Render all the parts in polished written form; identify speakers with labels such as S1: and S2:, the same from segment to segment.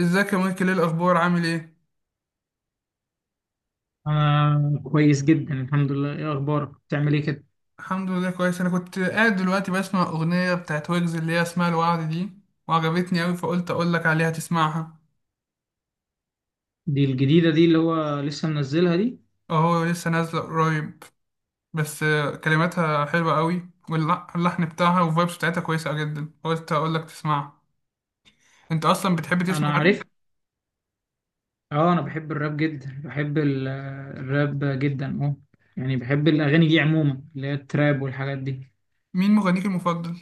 S1: ازيك يا مايكل؟ ايه الاخبار، عامل ايه؟
S2: أنا كويس جدا، الحمد لله. إيه أخبارك؟ بتعمل إيه كده؟
S1: الحمد لله كويس. انا كنت قاعد دلوقتي بسمع اغنيه بتاعت ويجز اللي هي اسمها الوعد دي، وعجبتني قوي فقلت اقول لك عليها تسمعها.
S2: دي الجديدة دي اللي هو لسه منزلها دي؟
S1: اهو لسه نازله قريب. بس كلماتها حلوه قوي واللحن بتاعها والفايبس بتاعتها كويسه جدا، قلت اقول لك تسمعها. انت اصلا بتحب تسمع
S2: أنا
S1: راب؟
S2: عارف. أه، أنا بحب الراب جدا، بحب الراب جدا. يعني بحب الأغاني دي عموما، اللي هي التراب والحاجات دي.
S1: مين مغنيك المفضل؟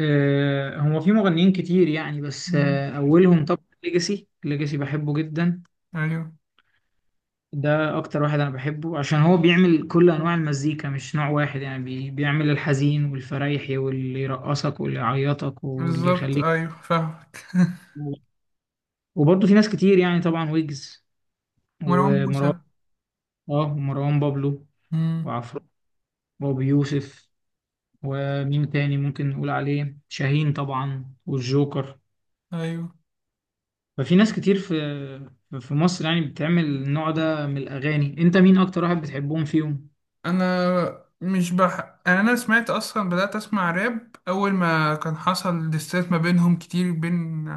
S2: أه، هو في مغنيين كتير يعني، بس
S1: مم.
S2: أولهم طبعا ليجاسي، ليجاسي بحبه جدا.
S1: ايوه.
S2: ده أكتر واحد أنا بحبه عشان هو بيعمل كل أنواع المزيكا، مش نوع واحد، يعني بيعمل الحزين والفريحي واللي يرقصك واللي يعيطك واللي
S1: بالظبط،
S2: يخليك.
S1: ايوه فاهمك.
S2: وبرضه في ناس كتير يعني، طبعا ويجز
S1: مروان
S2: ومروان،
S1: موسى.
S2: اه، ومروان بابلو
S1: مم.
S2: وعفرو وابو يوسف. ومين تاني ممكن نقول عليه؟ شاهين طبعا والجوكر.
S1: ايوه.
S2: ففي ناس كتير في مصر يعني بتعمل النوع ده من الأغاني. انت مين اكتر واحد بتحبهم فيهم؟
S1: انا مش بح... يعني انا سمعت، اصلا بدأت اسمع راب اول ما كان حصل ديسات ما بينهم كتير، بين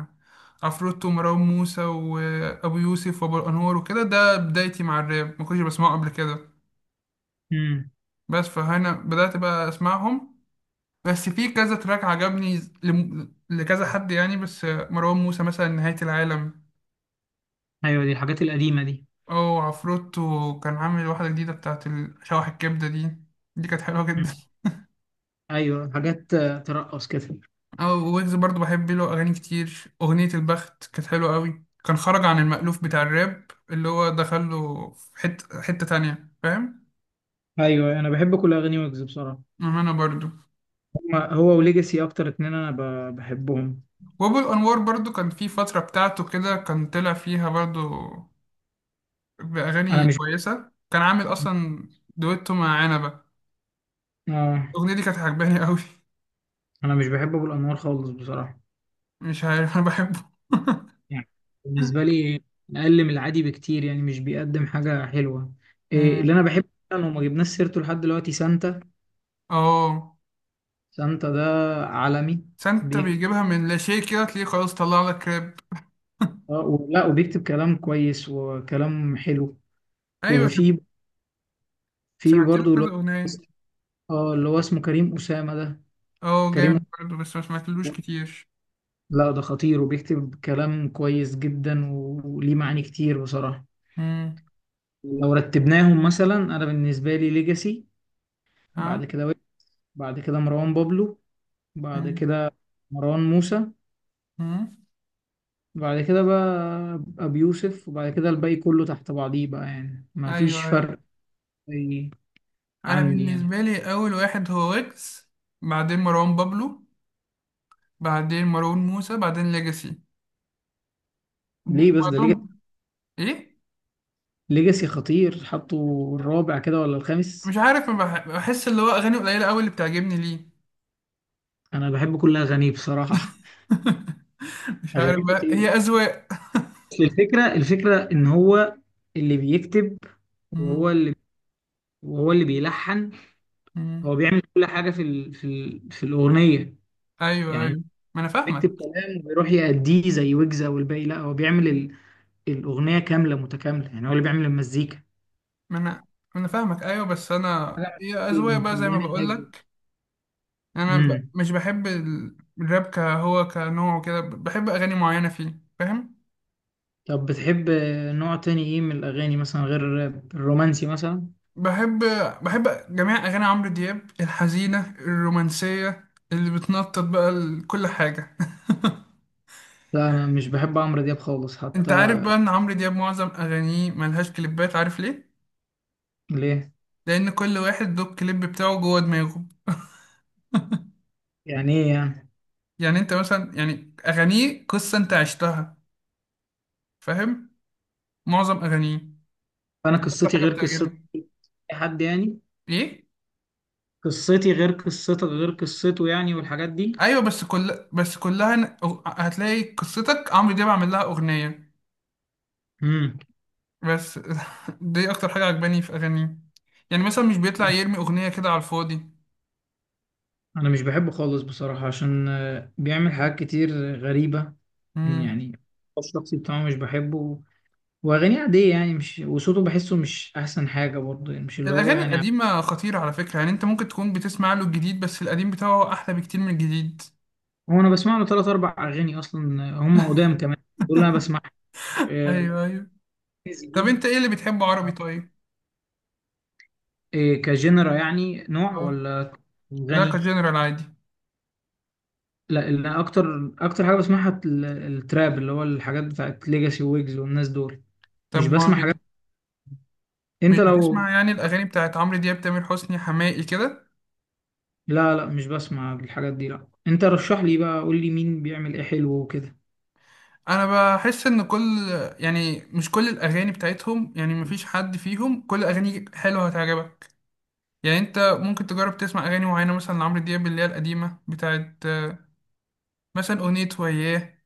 S1: عفروتو ومروان موسى وابو يوسف وابو الانوار وكده. ده بدايتي مع الراب، ما كنتش بسمعه قبل كده.
S2: امم،
S1: بس فهنا بدأت بقى اسمعهم. بس في كذا تراك عجبني، لم... لكذا حد يعني. بس مروان موسى مثلا نهاية العالم،
S2: ايوه، دي الحاجات القديمة دي.
S1: او عفروتو كان عامل واحدة جديدة بتاعت شوح الكبدة دي، دي كانت حلوة
S2: مم.
S1: جدا.
S2: ايوه، حاجات ترقص كده.
S1: أو ويجز برضو بحب له أغاني كتير، أغنية البخت كانت حلوة قوي، كان خرج عن المألوف بتاع الراب، اللي هو دخله في حتة تانية، فاهم؟
S2: ايوه، انا بحب كل اغاني ويجز بصراحة.
S1: أم أنا برضو.
S2: هو وليجاسي اكتر اتنين انا بحبهم.
S1: وأبو الأنوار برضو كان في فترة بتاعته كده كان طلع فيها برضو
S2: انا
S1: بأغاني
S2: مش
S1: كويسة، كان عامل أصلا دويتو مع عنبة.
S2: اه،
S1: الأغنية دي كانت عجباني قوي.
S2: انا مش بحب ابو الانوار خالص بصراحه،
S1: مش عارف أنا بحبه.
S2: يعني بالنسبه لي اقل من العادي بكتير يعني، مش بيقدم حاجه حلوه. إيه
S1: مم.
S2: اللي انا بحبه فعلا وما جبناش سيرته لحد دلوقتي؟ سانتا.
S1: اه.
S2: سانتا ده عالمي،
S1: سانتا
S2: بيكتب
S1: بيجيبها من لا شيء كده، تلاقيه خلاص طلع لك راب.
S2: ولا، وبيكتب كلام كويس وكلام حلو.
S1: أيوة،
S2: وفي
S1: شف-
S2: في
S1: سمعت له
S2: برضه
S1: كذا أغنية.
S2: اللي هو اسمه كريم أسامة ده.
S1: اه
S2: كريم
S1: جامد برضه، بس ما سمعتلوش
S2: أسامة.
S1: كتير.
S2: لا، ده خطير وبيكتب كلام كويس جدا، وليه معاني كتير بصراحة.
S1: مم.
S2: لو رتبناهم مثلا، انا بالنسبة لي ليجاسي، بعد
S1: ها.
S2: كده، بعد كده مروان بابلو، بعد
S1: مم.
S2: كده مروان موسى،
S1: مم.
S2: بعد كده بقى أبي يوسف، وبعد كده الباقي كله تحت بعضيه بقى، يعني ما
S1: ايوه،
S2: فيش
S1: ايوه.
S2: فرق، زي
S1: انا
S2: عندي يعني.
S1: بالنسبه لي اول واحد هو ويجز، بعدين مروان بابلو، بعدين مروان موسى، بعدين ليجاسي.
S2: ليه بس ده؟ ليجاسي،
S1: بعدهم ايه؟
S2: ليجاسي خطير. حطوا الرابع كده ولا الخامس؟
S1: مش عارف، ما بح- بحس اللي هو اغاني قليله قوي اللي بتعجبني ليه.
S2: أنا بحب كل أغانيه بصراحة،
S1: مش عارف
S2: أغانيه
S1: بقى،
S2: خطيرة.
S1: هي اذواق.
S2: بس الفكرة، إن هو اللي بيكتب، وهو
S1: مم.
S2: اللي وهو اللي بيلحن.
S1: مم.
S2: هو بيعمل كل حاجة في الأغنية
S1: ايوه،
S2: يعني،
S1: ايوه، ما انا
S2: بيكتب
S1: فاهمك.
S2: كلام ويروح يأديه زي ويجز او الباقي. لا، هو بيعمل الاغنيه كامله متكامله، يعني هو اللي بيعمل المزيكا.
S1: ما انا ما انا فاهمك ايوه، بس انا
S2: حاجه
S1: هي
S2: اللي
S1: اذواق بقى زي ما
S2: مخليني
S1: بقول
S2: احبه.
S1: لك.
S2: امم.
S1: مش بحب الراب كهو كنوع وكده، بحب اغاني معينه فيه، فاهم؟
S2: طب بتحب نوع تاني ايه من الاغاني مثلا، غير الرومانسي مثلا؟
S1: بحب بحب جميع اغاني عمرو دياب، الحزينه، الرومانسيه، اللي بتنطط بقى، كل حاجه.
S2: لا، انا مش بحب عمرو دياب خالص
S1: انت
S2: حتى.
S1: عارف بقى ان عمرو دياب معظم اغانيه ملهاش كليبات؟ عارف ليه؟
S2: ليه؟
S1: لان كل واحد له الكليب بتاعه جوه دماغه.
S2: يعني ايه يعني؟
S1: يعني انت مثلا، يعني اغانيه قصه انت عشتها، فاهم؟ معظم اغانيه
S2: انا
S1: دي اكتر
S2: قصتي
S1: حاجه
S2: غير قصتي،
S1: بتعجبني.
S2: اي حد يعني،
S1: ايه؟
S2: قصتي غير قصتك غير قصته، يعني والحاجات دي.
S1: ايوه، بس كلها ن- هتلاقي قصتك عمرو دياب عامل لها اغنيه
S2: امم
S1: بس. دي اكتر حاجه عجباني في اغانيه، يعني مثلا مش بيطلع يرمي اغنيه كده على الفاضي.
S2: انا مش بحبه خالص بصراحة، عشان بيعمل حاجات كتير غريبة
S1: امم.
S2: يعني. الشخصي بتاعه مش بحبه، واغانيه عادية يعني، مش، وصوته بحسه مش احسن حاجة برضه، يعني مش اللي هو
S1: الاغاني
S2: يعني.
S1: القديمه خطيره على فكره، يعني انت ممكن تكون بتسمع له الجديد، بس القديم بتاعه احلى بكتير من الجديد.
S2: هو انا بسمع له ثلاث اربع اغاني اصلا، هم قدام كمان، دول انا بسمع آه،
S1: ايوه، ايوه.
S2: زي دي.
S1: طب انت ايه اللي بتحبه عربي طيب؟
S2: كجنرا يعني نوع،
S1: اه.
S2: ولا
S1: لا
S2: غني؟
S1: كجنرال عادي.
S2: لا، اللي اكتر اكتر حاجة بسمعها التراب، اللي هو الحاجات بتاعت ليجاسي ويجز والناس دول.
S1: طب
S2: مش
S1: ما
S2: بسمع
S1: بت...
S2: حاجات.
S1: مش
S2: انت لو،
S1: بتسمع يعني الاغاني بتاعت عمرو دياب، تامر حسني، حماقي كده؟
S2: لا لا، مش بسمع الحاجات دي. لا، انت رشح لي بقى، قول لي مين بيعمل ايه حلو وكده.
S1: انا بحس ان كل، يعني مش كل الاغاني بتاعتهم، يعني مفيش حد فيهم كل اغاني حلوه هتعجبك. يعني انت ممكن تجرب تسمع اغاني معينه، مثلا لعمرو دياب اللي هي القديمه بتاعت مثلا اغنيه وياه.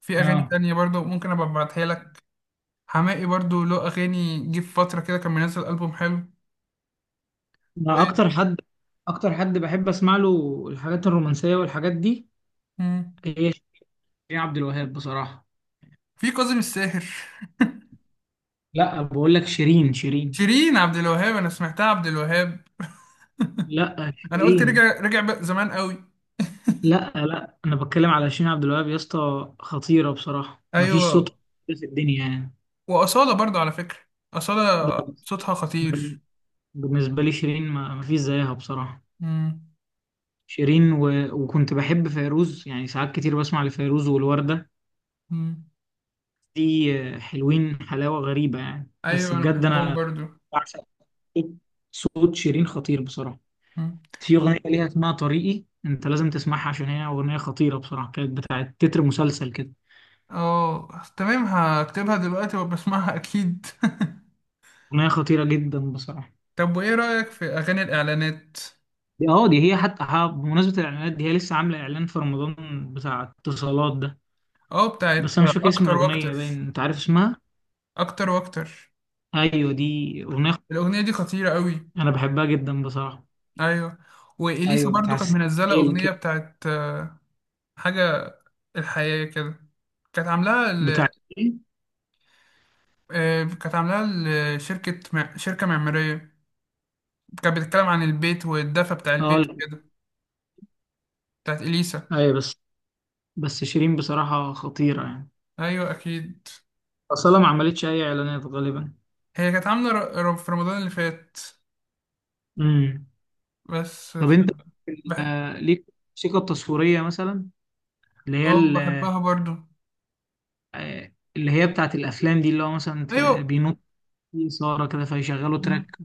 S1: في اغاني
S2: اه،
S1: تانية برضه ممكن ابقى ابعتها لك. حماقي برضه له اغاني، جه في فتره كده كان منزل البوم حلو. و...
S2: انا اكتر حد اكتر حد بحب اسمع له الحاجات الرومانسية والحاجات دي،
S1: مم.
S2: هي شيرين عبد الوهاب بصراحة.
S1: في كاظم الساهر.
S2: لا، بقول لك شيرين، شيرين.
S1: شيرين عبد الوهاب؟ انا سمعتها عبد الوهاب،
S2: لا،
S1: انا قلت
S2: شيرين.
S1: رجع بقى زمان قوي.
S2: لا لا، انا بتكلم على شيرين عبد الوهاب يا اسطى، خطيرة بصراحة، مفيش صوت
S1: ايوه.
S2: في الدنيا يعني.
S1: واصاله برضه على فكره، اصاله
S2: لا،
S1: صوتها خطير.
S2: بالنسبة لي شيرين ما مفيش زيها بصراحة.
S1: مم.
S2: شيرين وكنت بحب فيروز، يعني ساعات كتير بسمع لفيروز والوردة
S1: مم.
S2: دي، حلوين حلاوة غريبة يعني، بس
S1: ايوه انا
S2: بجد
S1: بحبهم
S2: أنا
S1: برضو.
S2: بعشق صوت صوت شيرين، خطير بصراحة.
S1: مم.
S2: في أغنية ليها اسمها طريقي، أنت لازم تسمعها عشان هي أغنية خطيرة بصراحة، كانت بتاعت تتر مسلسل كده.
S1: اه تمام، هكتبها دلوقتي وبسمعها اكيد.
S2: أغنية خطيرة جدا بصراحة.
S1: طب وايه رأيك في اغاني الاعلانات؟
S2: دي هي حتى، بمناسبة الإعلانات دي، هي لسه عاملة إعلان في رمضان بتاع اتصالات ده.
S1: اه بتاعت
S2: بس أنا مش فاكر اسم
S1: اكتر
S2: الأغنية،
S1: واكتر.
S2: باين أنت عارف اسمها؟
S1: اكتر واكتر،
S2: أيوه، دي
S1: الاغنية دي خطيرة قوي.
S2: أنا بحبها جدا بصراحة.
S1: ايوه. واليسا
S2: أيوه،
S1: برضو كانت
S2: بتحسسك
S1: منزلة
S2: بعيلة
S1: اغنية
S2: كده.
S1: بتاعت حاجة، الحياة كده. كانت عاملاها ل...
S2: بتاعت إيه؟
S1: كانت عاملاها لشركة شركة معمارية، كانت بتتكلم عن البيت والدفى بتاع
S2: اه،
S1: البيت
S2: لا.
S1: كده. بتاعت اليسا.
S2: أيوه، بس شيرين بصراحة خطيرة يعني،
S1: ايوه اكيد.
S2: أصلا ما عملتش أي إعلانات غالبا.
S1: هي كانت عاملة في رمضان اللي فات،
S2: امم
S1: بس
S2: طب
S1: ف-
S2: أنت،
S1: بح...
S2: ليك الموسيقى التصويرية مثلا، اللي هي
S1: اه بحبها برضو.
S2: اللي هي بتاعت الأفلام دي، اللي هو مثلا
S1: ايوه.
S2: بينط في إثارة كده فيشغلوا
S1: مم.
S2: تراك،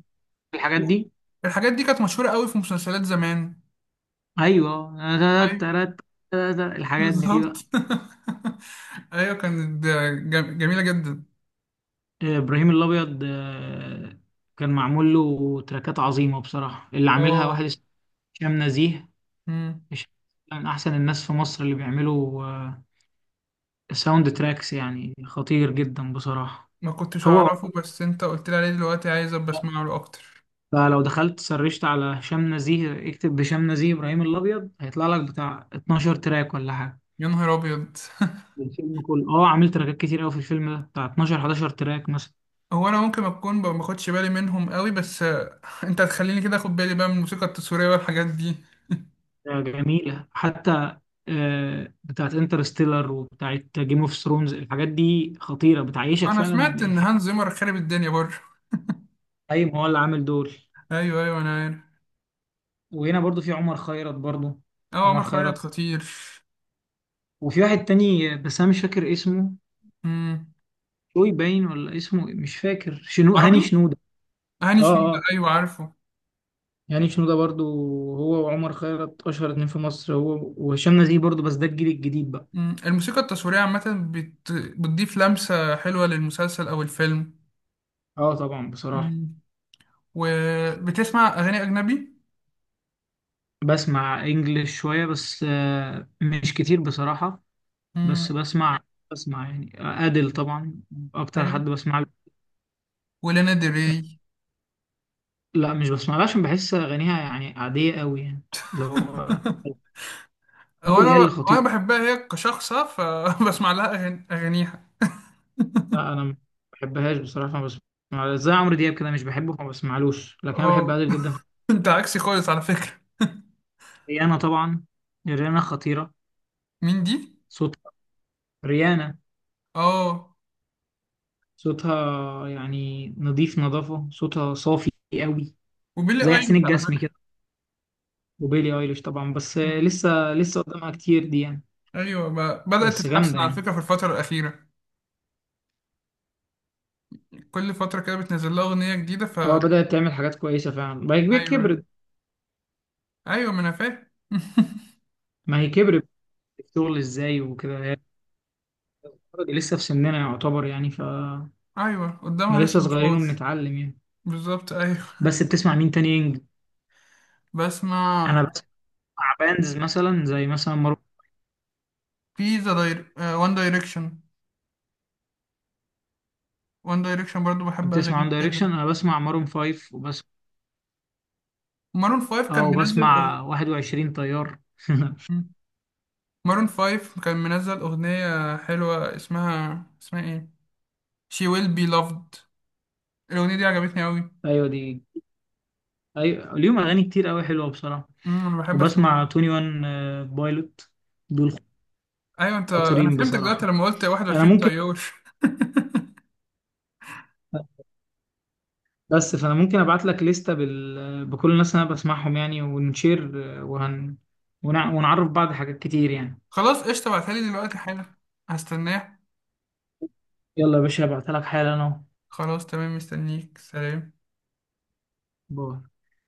S2: الحاجات
S1: و-
S2: دي.
S1: الحاجات دي كانت مشهورة قوي في مسلسلات زمان.
S2: أيوه
S1: ايوه
S2: الحاجات دي
S1: بالظبط.
S2: بقى.
S1: ايوه كانت جميلة جدا.
S2: إبراهيم الأبيض، كان معمول له تراكات عظيمة بصراحة، اللي عاملها
S1: اه.
S2: واحد اسمه هشام نزيه.
S1: مم.
S2: هشام من أحسن الناس في مصر اللي بيعملوا الساوند تراكس، يعني خطير جدا بصراحة.
S1: ما كنتش
S2: هو
S1: اعرفه، بس انت قلت لي عليه دلوقتي، عايز ابقى اسمع له اكتر.
S2: فلو دخلت سرشت على هشام نزيه، اكتب هشام نزيه إبراهيم الأبيض، هيطلع لك بتاع 12 تراك ولا حاجة.
S1: يا نهار ابيض.
S2: الفيلم كله عامل تراكات كتير قوي في الفيلم ده، بتاع 12، 11 تراك مثلا.
S1: هو انا ممكن اكون ب- ما باخدش بالي منهم قوي، بس انت هتخليني كده اخد بالي بقى من الموسيقى التصويريه والحاجات دي.
S2: جميلة حتى، بتاعت انترستيلر وبتاعت جيم اوف ثرونز، الحاجات دي خطيرة بتعيشك
S1: انا
S2: فعلا
S1: سمعت ان
S2: الح-
S1: هانز زيمر خرب الدنيا برضه.
S2: ايوه، هو اللي عامل دول.
S1: ايوه، ايوه انا عارف.
S2: وهنا برضو في عمر خيرت برضو.
S1: اه
S2: عمر
S1: عمر خيرت
S2: خيرت.
S1: خطير.
S2: وفي واحد تاني، بس انا مش فاكر اسمه،
S1: امم.
S2: شوي باين ولا اسمه إيه؟ مش فاكر شنو، هاني
S1: عربي.
S2: شنودة.
S1: هاني شنودة،
S2: اه. اه،
S1: ايوه عارفه.
S2: هاني شنودة برضو. هو وعمر خيرت اشهر اتنين في مصر، هو وهشام نزيه برضو، بس ده الجيل الجديد بقى.
S1: امم. الموسيقى التصويرية عامة بت... بتضيف لمسة حلوة للمسلسل او الفيلم.
S2: اه، طبعا بصراحة.
S1: امم. وبتسمع اغاني اجنبي؟
S2: بسمع انجلش شوية بس مش كتير بصراحة. بس
S1: امم.
S2: بسمع، بسمع يعني أديل طبعا اكتر
S1: ايوه.
S2: حد بسمع له.
S1: ولانا دري.
S2: لا، مش بسمع لها عشان بحس اغانيها يعني عادية قوي يعني، اللي هو
S1: هو
S2: أديل هي
S1: انا،
S2: اللي
S1: انا
S2: خطيرة.
S1: بحبها هي كشخصة فبسمع لها أغاني... اغانيها.
S2: لا انا ما بحبهاش بصراحه، ما بسمع، زي عمرو دياب كده مش بحبه فما بسمعلوش، لكن انا بحب
S1: اه.
S2: عادل جدا.
S1: انت عكسي خالص على فكرة.
S2: ريانا طبعا، ريانا خطيره،
S1: مين دي؟
S2: صوتها، ريانا،
S1: اه.
S2: صوتها يعني نظيف، نظافه صوتها صافي قوي،
S1: وبيلي
S2: زي حسين
S1: ايليش على
S2: الجسمي
S1: فكرة.
S2: كده. وبيلي ايليش طبعا، بس لسه قدامها كتير دي يعني،
S1: ايوه ب- بدأت
S2: بس جامده
S1: تتحسن على
S2: يعني.
S1: فكرة في الفترة الأخيرة. كل فترة كده بتنزل لها أغنية جديدة ف
S2: اه، بدات تعمل حاجات كويسه فعلا، ما هي
S1: ايوه، ايوه.
S2: كبرت.
S1: ايوه ما انا فاهم.
S2: ما هي كبرت في الشغل ازاي وكده، هي لسه في سننا يعتبر، يعني فاحنا
S1: ايوه قدامها
S2: لسه
S1: لسه
S2: صغيرين
S1: مشوار.
S2: وبنتعلم يعني.
S1: بالظبط، ايوه.
S2: بس بتسمع مين تاني؟
S1: بسمع،
S2: انا بسمع باندز مثلا، زي مثلا مارون.
S1: في ذا داير... وان دايركشن. وان دايركشن برضو بحب
S2: بتسمع عن
S1: اغانيهم
S2: دايركشن؟
S1: جدا.
S2: انا بسمع مارون فايف وبس.
S1: مارون فايف كان
S2: اه،
S1: منزل أغ...
S2: وبسمع 21 طيار.
S1: مارون فايف كان منزل أغنية حلوة، اسمها ايه، She will be loved. الأغنية دي عجبتني أوي.
S2: ايوه دي، ايوه ليهم اغاني كتير قوي حلوه بصراحه.
S1: أمم، أنا بحب أسمع
S2: وبسمع
S1: الأغنية دي.
S2: 21 بايلوت دول،
S1: ايوه. انت انا
S2: خطيرين
S1: فهمتك دلوقتي
S2: بصراحه.
S1: لما قلت
S2: انا
S1: 21
S2: ممكن،
S1: طيار.
S2: بس فانا ممكن ابعت لك لستة بكل الناس اللي انا بسمعهم يعني، ونشير، آه، وهن ونعرف بعض حاجات كتير يعني.
S1: خلاص قشطة، ابعتها لي دلوقتي حالا، هستناه.
S2: يلا يا باشا، هبعتها لك حالا اهو.
S1: خلاص تمام، مستنيك، سلام.
S2: باي.